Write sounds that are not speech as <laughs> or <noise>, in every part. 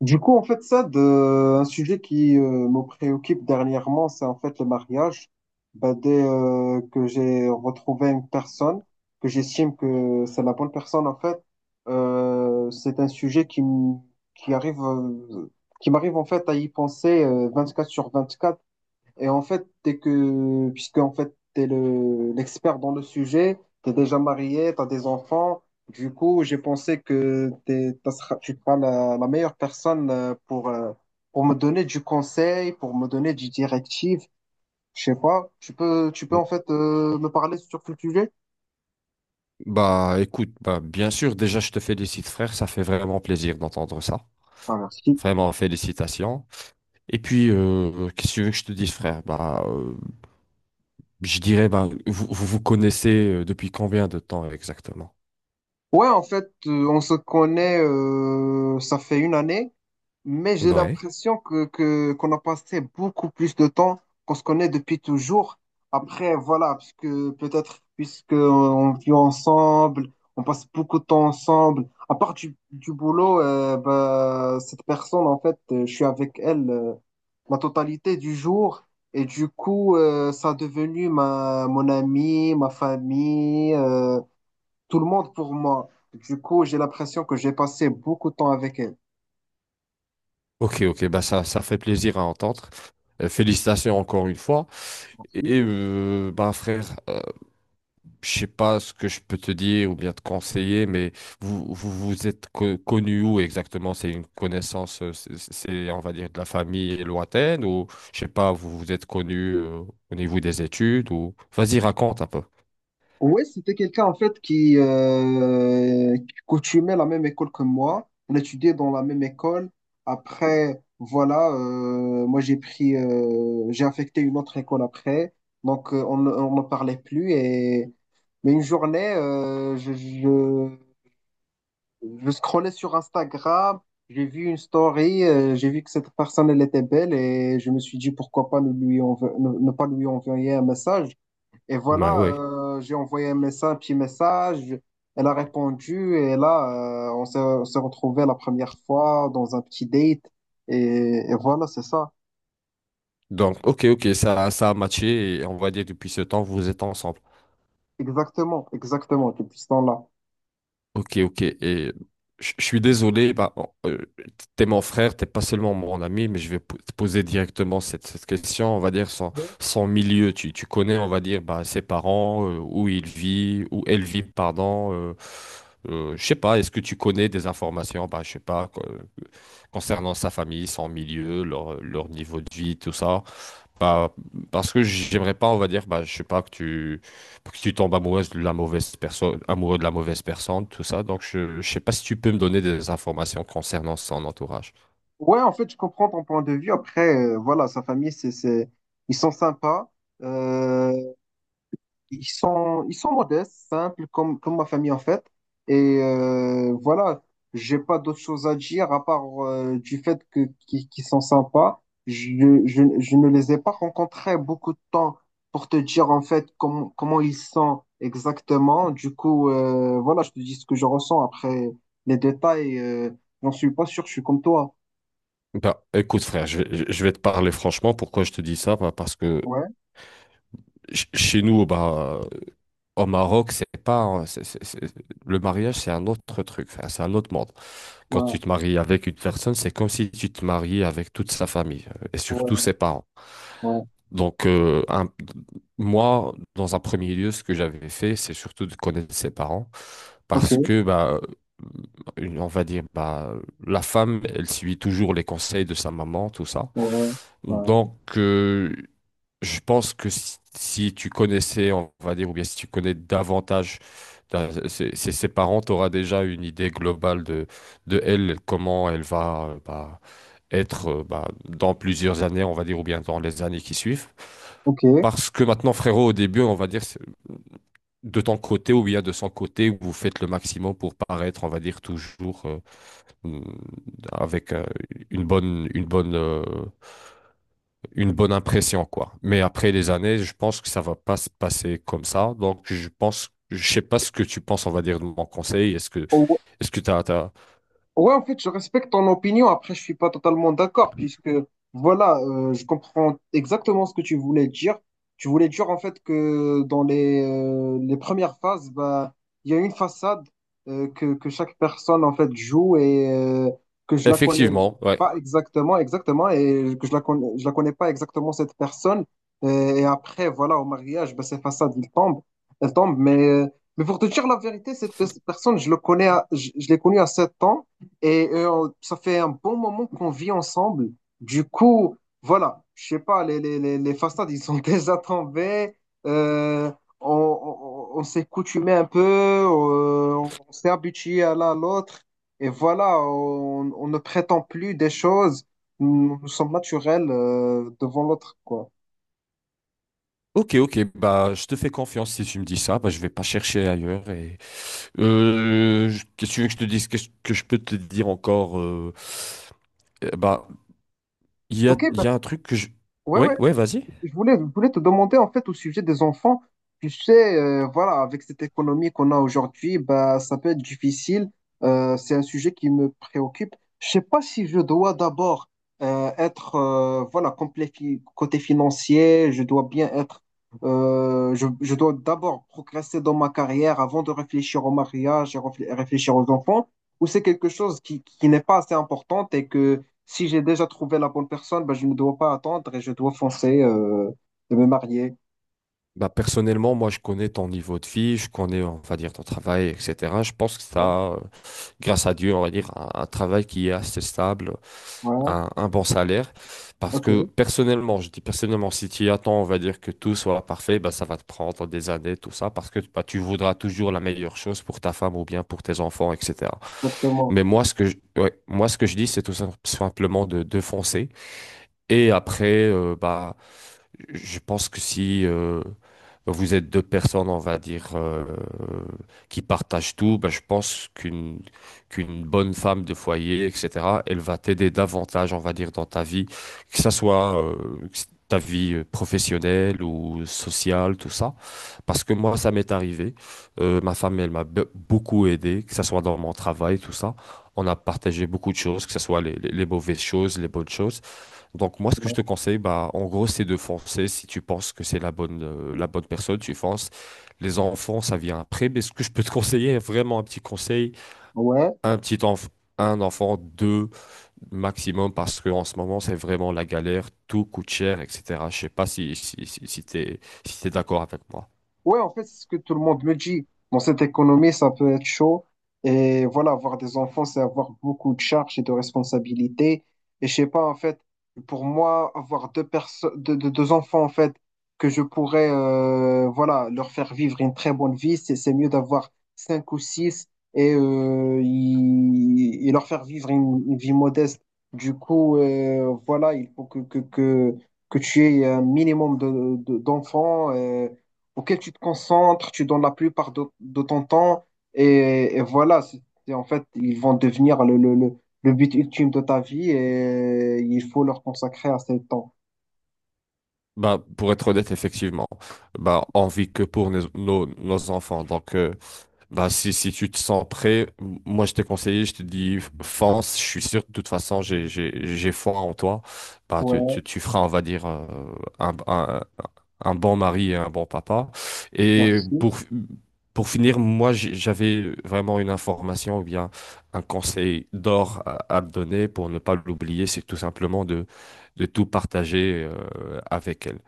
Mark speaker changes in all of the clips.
Speaker 1: Du coup, en fait, ça, un sujet qui me préoccupe dernièrement, c'est en fait le mariage. Bah, dès que j'ai retrouvé une personne, que j'estime que c'est la bonne personne, en fait, c'est un sujet qui, qui arrive, qui m'arrive en fait à y penser 24 sur 24. Et en fait, t'es que, puisque en fait, l'expert dans le sujet, t'es déjà marié, t'as des enfants. Du coup, j'ai pensé que tu seras la meilleure personne pour me donner du conseil, pour me donner du directive. Je sais pas. Tu peux
Speaker 2: Mm.
Speaker 1: en fait me parler sur ce sujet?
Speaker 2: Bah écoute, bah, bien sûr, déjà je te félicite frère, ça fait vraiment plaisir d'entendre ça.
Speaker 1: Ah, merci.
Speaker 2: Vraiment, félicitations. Et puis, qu'est-ce que tu veux que je te dise frère? Bah, je dirais, bah, vous vous connaissez depuis combien de temps exactement?
Speaker 1: Ouais, en fait, on se connaît, ça fait une année. Mais j'ai
Speaker 2: Ouais.
Speaker 1: l'impression qu'on a passé beaucoup plus de temps qu'on se connaît depuis toujours. Après, voilà, parce que peut-être puisqu'on vit ensemble, on passe beaucoup de temps ensemble. À part du boulot, bah, cette personne, en fait, je suis avec elle la totalité du jour. Et du coup, ça a devenu mon ami, ma famille, tout le monde pour moi. Du coup, j'ai l'impression que j'ai passé beaucoup de temps avec elle.
Speaker 2: Ok, ok, bah ça fait plaisir à entendre. Félicitations encore une fois.
Speaker 1: Merci.
Speaker 2: Et bah frère, je sais pas ce que je peux te dire ou bien te conseiller, mais vous êtes connu où exactement? C'est une connaissance, c'est, on va dire, de la famille lointaine ou je sais pas, vous vous êtes connu au niveau des études ou. Vas-y, raconte un peu.
Speaker 1: Ouais, c'était quelqu'un en fait qui coutumait la même école que moi. On étudiait dans la même école. Après, voilà, moi j'ai pris, j'ai affecté une autre école après. Donc on, on ne parlait plus. Et... Mais une journée, je scrollais sur Instagram, j'ai vu une story, j'ai vu que cette personne elle était belle et je me suis dit pourquoi pas ne pas lui envoyer un message. Et
Speaker 2: Ouais,
Speaker 1: voilà,
Speaker 2: ouais.
Speaker 1: j'ai envoyé un message, un petit message. Elle a répondu et là, on s'est retrouvés la première fois dans un petit date. Et, et voilà, c'est ça.
Speaker 2: Donc, ok, ok, ça a matché et on va dire depuis ce temps, vous êtes ensemble.
Speaker 1: Exactement, exactement, depuis ce temps-là.
Speaker 2: Ok, ok. Et je suis désolé, bah, bon, t'es mon frère, t'es pas seulement mon ami, mais je vais te poser directement cette question, on va dire,
Speaker 1: Ok.
Speaker 2: son milieu. Tu connais, on va dire, bah, ses parents, où il vit, où elle vit, pardon. Je sais pas, est-ce que tu connais des informations, bah, je sais pas, concernant sa famille, son milieu, leur niveau de vie, tout ça? Bah, parce que j'aimerais pas, on va dire, bah, je sais pas, que tu tombes amoureuse de la mauvaise personne, amoureux de la mauvaise personne, tout ça. Donc, je sais pas si tu peux me donner des informations concernant son entourage.
Speaker 1: Ouais, en fait, je comprends ton point de vue. Après, voilà, sa famille, ils sont sympas. Euh, ils sont modestes, simples, comme ma famille en fait. Et voilà, j'ai pas d'autre chose à dire à part du fait que qu'ils sont sympas. Je je, ne les ai pas rencontrés beaucoup de temps pour te dire en fait comment ils sont exactement. Du coup, voilà, je te dis ce que je ressens. Après les détails, j'en suis pas sûr, je suis comme toi.
Speaker 2: Bah, écoute, frère, je vais te parler franchement. Pourquoi je te dis ça? Bah, parce que
Speaker 1: Ouais,
Speaker 2: chez nous, bah, au Maroc, c'est pas le mariage, c'est un autre truc, enfin, c'est un autre monde. Quand
Speaker 1: ouais,
Speaker 2: tu te maries avec une personne, c'est comme si tu te mariais avec toute sa famille et surtout
Speaker 1: ouais,
Speaker 2: ses parents.
Speaker 1: ouais.
Speaker 2: Donc, moi, dans un premier lieu, ce que j'avais fait, c'est surtout de connaître ses parents
Speaker 1: Ok,
Speaker 2: parce
Speaker 1: ouais,
Speaker 2: que, bah, on va dire, bah, la femme, elle suit toujours les conseils de sa maman, tout ça.
Speaker 1: ouais. Ouais.
Speaker 2: Donc, je pense que si tu connaissais, on va dire, ou bien si tu connais davantage ses parents, tu auras déjà une idée globale de elle, comment elle va être dans plusieurs années, on va dire, ou bien dans les années qui suivent.
Speaker 1: Ok.
Speaker 2: Parce que maintenant, frérot, au début, on va dire, de ton côté ou bien de son côté, vous faites le maximum pour paraître, on va dire, toujours mm, avec une bonne, une bonne, euh, une bonne impression, quoi. Mais après les années, je pense que ça va pas se passer comme ça. Donc, je pense, je sais pas ce que tu penses, on va dire, de mon conseil. Est-ce que t'as.
Speaker 1: Ouais, en fait, je respecte ton opinion. Après, je suis pas totalement d'accord puisque, voilà, je comprends exactement ce que tu voulais dire. Tu voulais dire, en fait, que dans les premières phases, bah, il y a une façade que chaque personne, en fait, joue et que je la connais
Speaker 2: Effectivement, ouais.
Speaker 1: pas exactement, exactement, et que je la connais pas exactement cette personne. Et, après, voilà, au mariage, bah, ces façades, ils tombent, elles tombent. Mais pour te dire la vérité, cette personne, je le connais, je l'ai connue à 7 ans. Et ça fait un bon moment qu'on vit ensemble. Du coup, voilà, je sais pas, les façades, ils sont <laughs> déjà tombés. Euh, on on s'est coutumé un peu, on s'est habitué à l'un à l'autre. Et voilà, on ne prétend plus des choses. Nous, nous sommes naturels devant l'autre, quoi.
Speaker 2: Ok, ok, bah, je te fais confiance si tu me dis ça, bah, je vais pas chercher ailleurs. Et. Qu'est-ce que tu veux que je te dise, qu'est-ce que je peux te dire encore bah,
Speaker 1: Ok,
Speaker 2: il
Speaker 1: ben,
Speaker 2: y a un truc que je.
Speaker 1: ouais,
Speaker 2: Ouais,
Speaker 1: ouais.
Speaker 2: ouais, vas-y.
Speaker 1: Je voulais te demander en fait au sujet des enfants. Tu sais, voilà, avec cette économie qu'on a aujourd'hui, bah, ça peut être difficile. C'est un sujet qui me préoccupe. Je sais pas si je dois d'abord être voilà complet côté financier. Je dois bien être. Je dois d'abord progresser dans ma carrière avant de réfléchir au mariage et réfléchir aux enfants. Ou c'est quelque chose qui n'est pas assez importante et que si j'ai déjà trouvé la bonne personne, ben, je ne dois pas attendre et je dois foncer et me marier.
Speaker 2: Bah, personnellement, moi, je connais ton niveau de vie, je connais, on va dire, ton travail, etc. Je pense que
Speaker 1: Ouais,
Speaker 2: ça, grâce à Dieu, on va dire, un travail qui est assez stable,
Speaker 1: ouais,
Speaker 2: un bon salaire. Parce
Speaker 1: ok,
Speaker 2: que personnellement, je dis personnellement, si tu attends, on va dire que tout soit parfait, bah, ça va te prendre des années, tout ça, parce que bah, tu voudras toujours la meilleure chose pour ta femme ou bien pour tes enfants, etc.
Speaker 1: exactement.
Speaker 2: Mais moi, ce que je, ouais, moi, ce que je dis, c'est tout simplement de foncer. Et après, bah, je pense que si vous êtes deux personnes, on va dire, qui partagent tout, ben, je pense qu'une bonne femme de foyer, etc., elle va t'aider davantage, on va dire, dans ta vie, que ça soit que ta vie professionnelle ou sociale, tout ça. Parce que moi, ça m'est arrivé. Ma femme, elle m'a beaucoup aidé, que ça soit dans mon travail, tout ça. On a partagé beaucoup de choses, que ce soit les mauvaises choses, les bonnes choses. Donc moi, ce que
Speaker 1: Ouais.
Speaker 2: je te conseille, bah, en gros, c'est de foncer. Si tu penses que c'est la bonne personne, tu fonces. Les enfants, ça vient après. Mais ce que je peux te <laughs> conseiller, vraiment un petit conseil,
Speaker 1: Ouais.
Speaker 2: un petit enf- un enfant, deux maximum, parce que en ce moment, c'est vraiment la galère. Tout coûte cher, etc. Je sais pas si t'es d'accord avec moi.
Speaker 1: Ouais, en fait, c'est ce que tout le monde me dit. Dans cette économie, ça peut être chaud. Et voilà, avoir des enfants, c'est avoir beaucoup de charges et de responsabilités. Et je sais pas, en fait, pour moi, avoir deux personnes, deux enfants, en fait, que je pourrais, voilà, leur faire vivre une très bonne vie, c'est mieux d'avoir cinq ou six et, et leur faire vivre une vie modeste. Du coup, voilà, il faut que tu aies un minimum de, d'enfants. Auquel tu te concentres, tu donnes la plupart de ton temps, et voilà, c'est en fait, ils vont devenir le but ultime de ta vie et il faut leur consacrer assez de temps.
Speaker 2: Bah, pour être honnête, effectivement, bah, on vit que pour nos enfants. Donc, bah, si tu te sens prêt, moi je t'ai conseillé, je te dis fonce, je suis sûr, de toute façon j'ai foi en toi. Bah,
Speaker 1: Ouais,
Speaker 2: tu feras, on va dire, un, un, un bon mari et un bon papa. Et
Speaker 1: merci.
Speaker 2: pour finir, moi j'avais vraiment une information ou bien un conseil d'or à te donner pour ne pas l'oublier, c'est tout simplement de tout partager avec elle.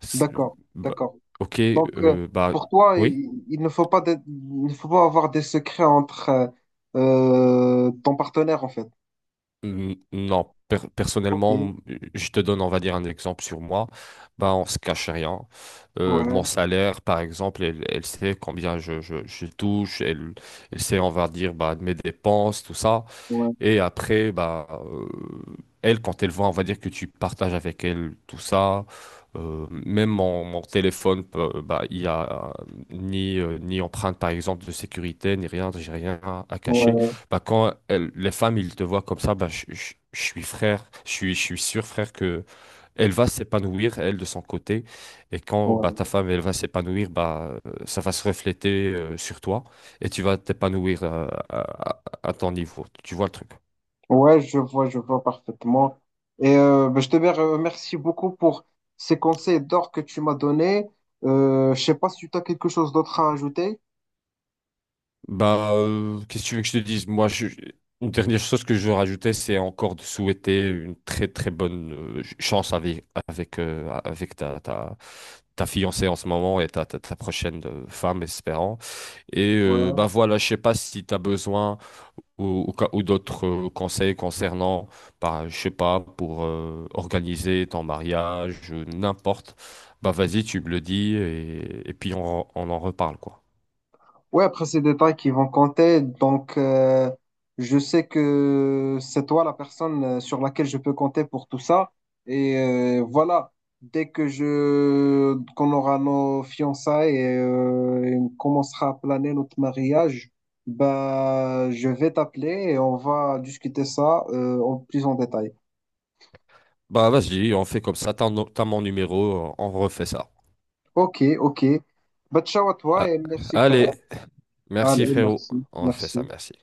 Speaker 2: C'est-
Speaker 1: D'accord,
Speaker 2: bah,
Speaker 1: d'accord.
Speaker 2: ok,
Speaker 1: Donc,
Speaker 2: bah
Speaker 1: pour toi,
Speaker 2: oui.
Speaker 1: il ne faut pas il ne faut pas avoir des secrets entre ton partenaire, en fait.
Speaker 2: Non,
Speaker 1: Ok,
Speaker 2: personnellement, je te donne, on va dire, un exemple sur moi. Bah, on se cache rien. Mon
Speaker 1: ouais,
Speaker 2: salaire, par exemple, elle, elle sait combien je touche. Elle, elle sait, on va dire, bah, mes dépenses, tout ça.
Speaker 1: ouais,
Speaker 2: Et après, bah, elle, quand elle voit, on va dire que tu partages avec elle tout ça. Même mon téléphone, bah, il y a ni empreinte, par exemple, de sécurité, ni rien, j'ai rien à cacher.
Speaker 1: ouais,
Speaker 2: Bah, quand les femmes, ils te voient comme ça, bah, je suis frère, je suis sûr, frère, que elle va s'épanouir, elle, de son côté. Et quand bah,
Speaker 1: ouais.
Speaker 2: ta femme, elle va s'épanouir, bah, ça va se refléter sur toi et tu vas t'épanouir à- à ton niveau. Tu vois le truc?
Speaker 1: Ouais, je vois parfaitement. Et ben, je te remercie beaucoup pour ces conseils d'or que tu m'as donnés. Je sais pas si tu as quelque chose d'autre à ajouter.
Speaker 2: Bah, qu'est-ce que tu veux que je te dise? Moi, une dernière chose que je veux rajouter, c'est encore de souhaiter une très très bonne chance avec ta fiancée en ce moment et ta prochaine femme, espérant. Et bah
Speaker 1: Ouais,
Speaker 2: voilà, je sais pas si tu as besoin ou d'autres conseils concernant, bah, je sais pas, pour organiser ton mariage, n'importe. Bah vas-y, tu me le dis et puis on en reparle quoi.
Speaker 1: Ouais, après, ces détails qui vont compter. Donc, je sais que c'est toi la personne sur laquelle je peux compter pour tout ça. Et voilà, dès que je qu'on aura nos fiançailles et on commencera à planer notre mariage, bah, je vais t'appeler et on va discuter ça en plus en détail.
Speaker 2: Bah vas-y, on fait comme ça, t'as no- t'as mon numéro, on refait ça.
Speaker 1: Ok, ok. Bah, ciao à toi
Speaker 2: Ah,
Speaker 1: et merci, frère.
Speaker 2: allez, merci
Speaker 1: Allez,
Speaker 2: frérot,
Speaker 1: merci,
Speaker 2: on fait ça,
Speaker 1: merci.
Speaker 2: merci.